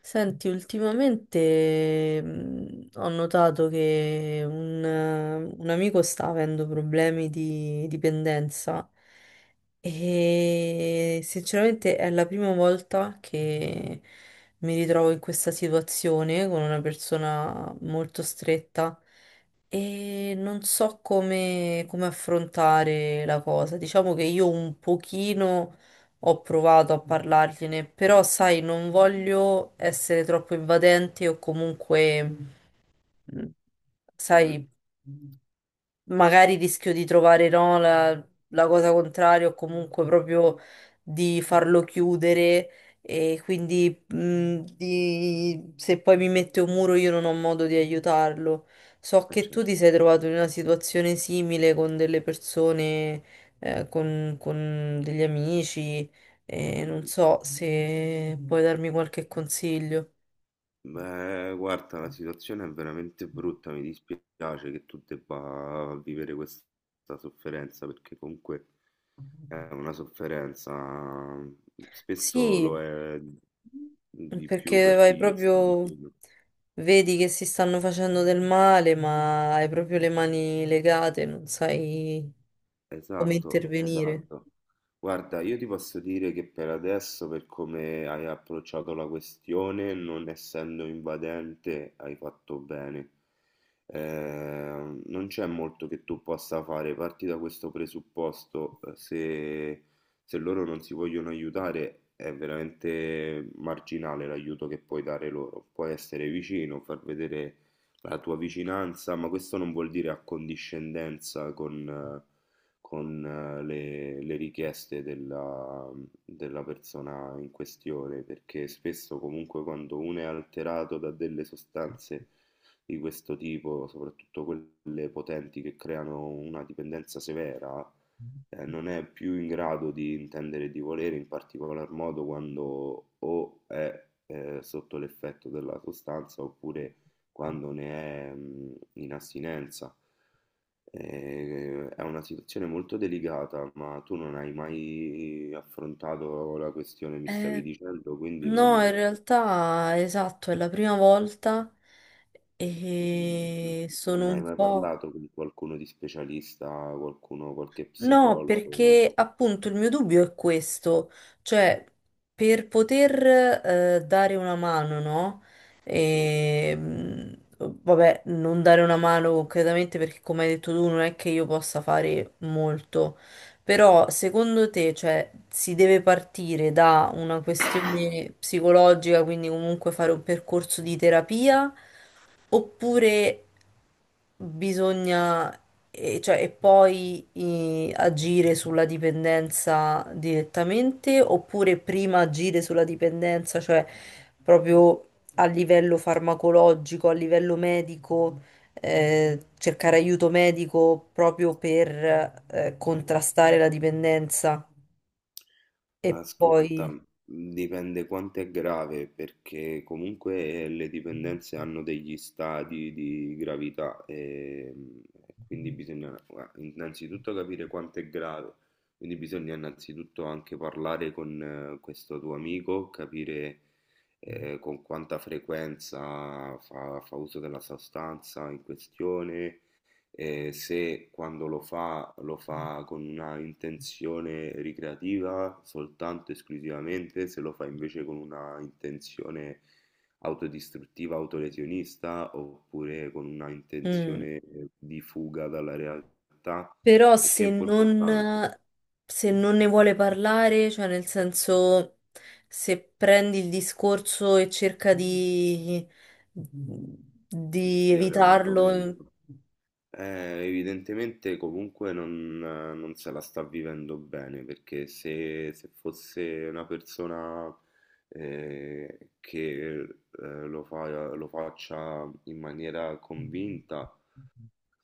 Senti, ultimamente ho notato che un amico sta avendo problemi di dipendenza e sinceramente è la prima volta che mi ritrovo in questa situazione con una persona molto stretta e non so come affrontare la cosa. Diciamo che io un pochino ho provato a parlargliene, però sai, non voglio essere troppo invadente o comunque, mm, Mh-mh. sai magari rischio di trovare no, la cosa contraria o comunque proprio di farlo chiudere e quindi se poi mi mette un muro io non ho modo di aiutarlo. So Eh che tu certo. ti sei trovato in una situazione simile con delle persone, con degli amici e non Mh-mh. so se puoi darmi qualche consiglio. Beh, guarda, la situazione è veramente brutta, mi dispiace che tu debba vivere questa sofferenza, perché comunque è una sofferenza, spesso Sì. lo è di più Perché per vai chi sta proprio, vicino. vedi che si stanno facendo del male, ma hai proprio le mani legate, non sai come Esatto, intervenire. esatto. Guarda, io ti posso dire che per adesso, per come hai approcciato la questione, non essendo invadente, hai fatto bene. Non c'è molto che tu possa fare. Parti da questo presupposto, se loro non si vogliono aiutare, è veramente marginale l'aiuto che puoi dare loro. Puoi essere vicino, far vedere la tua vicinanza, ma questo non vuol dire accondiscendenza con le richieste della persona in questione, perché spesso comunque quando uno è alterato da delle sostanze di questo tipo, soprattutto quelle potenti che creano una dipendenza severa, non è più in grado di intendere e di volere, in particolar modo quando o è sotto l'effetto della sostanza oppure quando ne è in astinenza. È una situazione molto delicata, ma tu non hai mai affrontato la questione, mi stavi Eh, dicendo, quindi no, non, in realtà, esatto, è la prima volta mm, no- e non sono ne hai un mai po'. parlato con qualcuno di specialista, qualcuno, qualche No, psicologo. perché appunto il mio dubbio è questo, cioè per poter dare una mano, no? Sì. Vabbè, non dare una mano concretamente perché come hai detto tu non è che io possa fare molto, però secondo te, cioè, si deve partire da una questione psicologica, quindi comunque fare un percorso di terapia? Oppure bisogna, e, cioè, e poi agire sulla dipendenza direttamente, oppure prima agire sulla dipendenza, cioè proprio a livello farmacologico, a livello medico, cercare aiuto medico proprio per Eh, contrastare la dipendenza e ascolta, poi... dipende quanto è grave, perché comunque le dipendenze hanno degli stadi di gravità, quindi bisogna gua innanzitutto capire quanto è grave, quindi bisogna innanzitutto anche parlare con questo tuo amico, capire, con quanta frequenza fa uso della sostanza in questione, e se quando lo fa con una intenzione ricreativa soltanto esclusivamente, se lo fa invece con una intenzione autodistruttiva, autolesionista, oppure con una Mm. intenzione di fuga dalla realtà, Però perché è se non, importante se non ne vuole parlare, cioè nel senso se prendi il discorso e cerca di, di di spiegare evitarlo, l'argomento. Evidentemente comunque non se la sta vivendo bene perché se fosse una persona che lo faccia in maniera convinta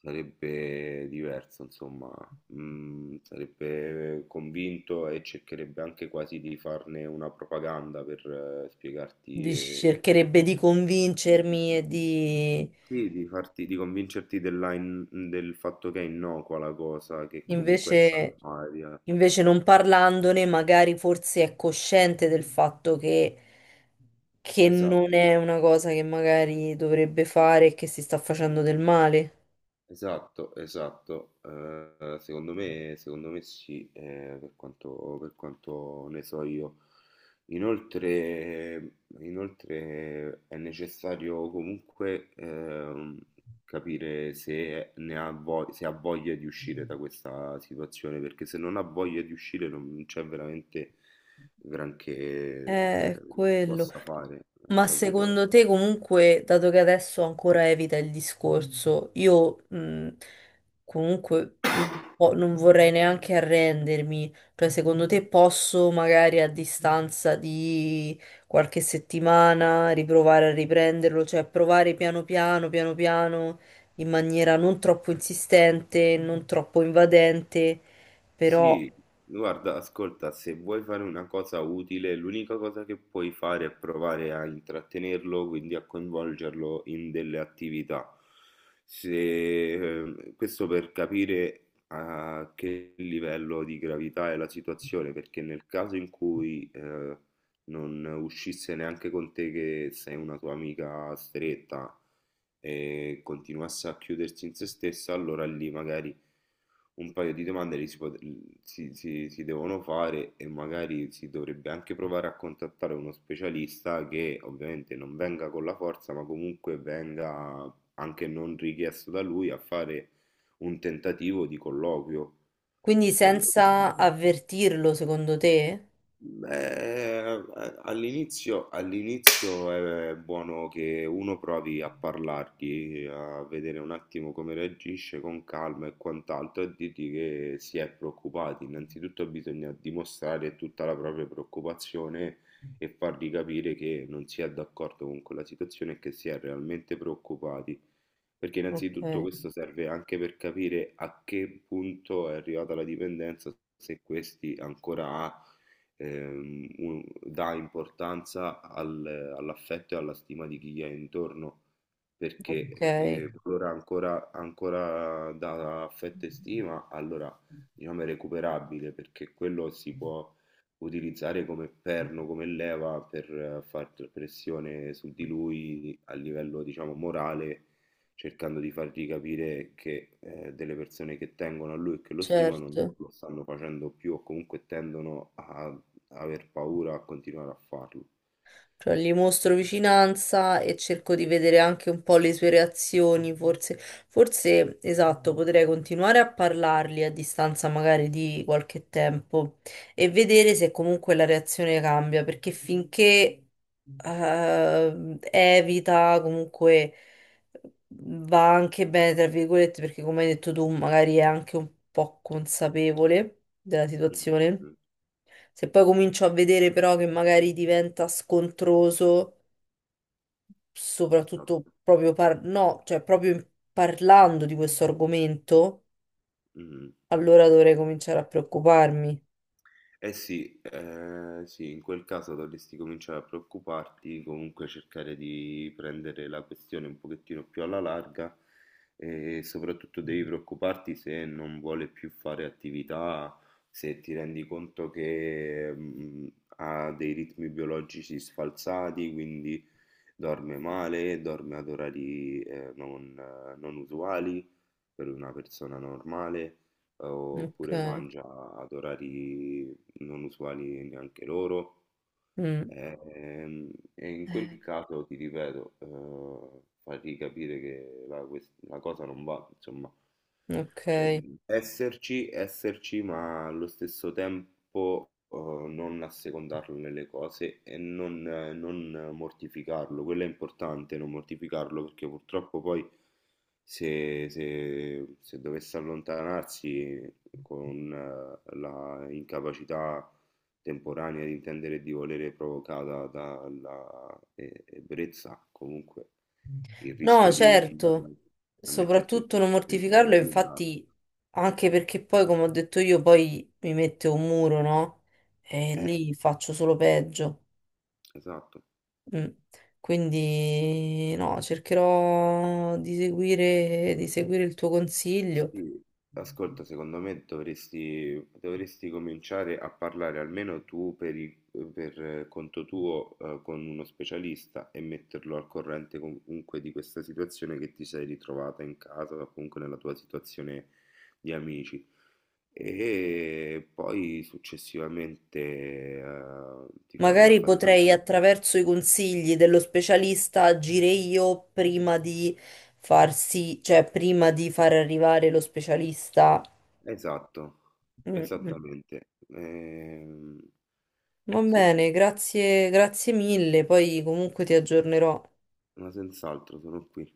sarebbe diverso, insomma. Mm, sarebbe convinto e cercherebbe anche quasi di farne una propaganda per spiegarti. cercherebbe di convincermi e di Sì, di farti, di convincerti del fatto che è innocua la cosa, che comunque è invece, salvaria. invece non parlandone, magari forse è cosciente del fatto che non Esatto. è una cosa che magari dovrebbe fare e che si sta facendo del male. Esatto, esatto. Secondo me sì, per quanto ne so io. Inoltre, Inoltre è necessario comunque capire se ne ha voglia, se ha voglia di uscire da questa situazione, perché se non ha voglia di uscire non c'è veramente granché eh, È si quello. possa fare, Ma capito? secondo te comunque, dato che adesso ancora evita il discorso, io comunque non vorrei neanche arrendermi, cioè secondo te posso magari a distanza di qualche settimana riprovare a riprenderlo, cioè provare piano piano, piano piano, in maniera non troppo insistente, non troppo invadente, però Sì, guarda, ascolta, se vuoi fare una cosa utile, l'unica cosa che puoi fare è provare a intrattenerlo, quindi a coinvolgerlo in delle attività. Se, Eh, questo per capire a che livello di gravità è la situazione, perché nel caso in cui non uscisse neanche con te che sei una tua amica stretta e continuasse a chiudersi in se stessa, allora lì magari un paio di domande li si, pot- si- si- si devono fare e magari si dovrebbe anche provare a contattare uno specialista che ovviamente non venga con la forza, ma comunque venga anche non richiesto da lui a fare un tentativo di colloquio, quindi perlomeno. senza avvertirlo, secondo te? Beh, all'inizio all'inizio è buono che uno provi a parlargli, a vedere un attimo come reagisce con calma e quant'altro, e dirgli che si è preoccupati. Innanzitutto bisogna dimostrare tutta la propria preoccupazione e fargli capire che non si è d'accordo con quella situazione e che si è realmente preoccupati. Perché Ok, innanzitutto questo serve anche per capire a che punto è arrivata la dipendenza, se questi ancora ha dà importanza all'affetto e alla stima di chi gli è intorno, ok, perché qualora ancora dà affetto e stima, allora diciamo è recuperabile, perché quello si può utilizzare come perno, come leva per far pressione su di lui a livello, diciamo, morale, cercando di fargli capire che delle persone che tengono a lui e che lo stimano certo. lo stanno facendo più o comunque tendono a aver paura a continuare a farlo. Cioè, gli mostro vicinanza e cerco di vedere anche un po' le sue reazioni, forse esatto, potrei continuare a parlargli a distanza magari di qualche tempo e vedere se comunque la reazione cambia, perché finché evita, comunque va anche bene, tra virgolette, perché come hai detto tu, magari è anche un po' consapevole della Mh, situazione. mh, Se poi comincio a vedere però che magari diventa scontroso, soprattutto esatto. proprio no, cioè proprio parlando di questo argomento, Mh. allora dovrei cominciare a preoccuparmi. Eh sì, sì, in quel caso dovresti cominciare a preoccuparti, comunque cercare di prendere la questione un pochettino più alla larga e soprattutto devi preoccuparti se non vuole più fare attività, se ti rendi conto che ha dei ritmi biologici sfalsati, quindi dorme male, dorme ad orari non usuali per una persona normale oppure Ok. mangia ad orari non usuali neanche loro. Mm, Ehm, In quel caso ti ripeto, fargli capire che la cosa non va, insomma, cioè, ok. esserci, esserci, ma allo stesso tempo non assecondarlo nelle cose e non mortificarlo. Quello è importante, non mortificarlo, perché purtroppo poi se dovesse allontanarsi con la incapacità temporanea di intendere e di volere provocata dalla ebbrezza, comunque il No, rischio di andare certo. a mettersi in Soprattutto non situazioni mortificarlo, negative, no? infatti, anche perché poi, come ho detto io, poi mi mette un muro, no? E Eh, lì faccio solo peggio. esatto. Mm. Quindi no, cercherò di seguire il tuo consiglio. Sì, ascolta, dovresti cominciare a parlare almeno tu per, per conto tuo, con uno specialista e metterlo al corrente comunque di questa situazione che ti sei ritrovata in casa o comunque nella tua situazione di amici. E poi successivamente, ti fai Magari potrei un'infarinatura. attraverso i consigli dello specialista agire io prima di farsi, cioè prima di far arrivare lo specialista. Esatto, Mm, mm. esattamente. Va Sì, bene, grazie, grazie mille. Poi comunque ti aggiornerò. ma senz'altro sono qui.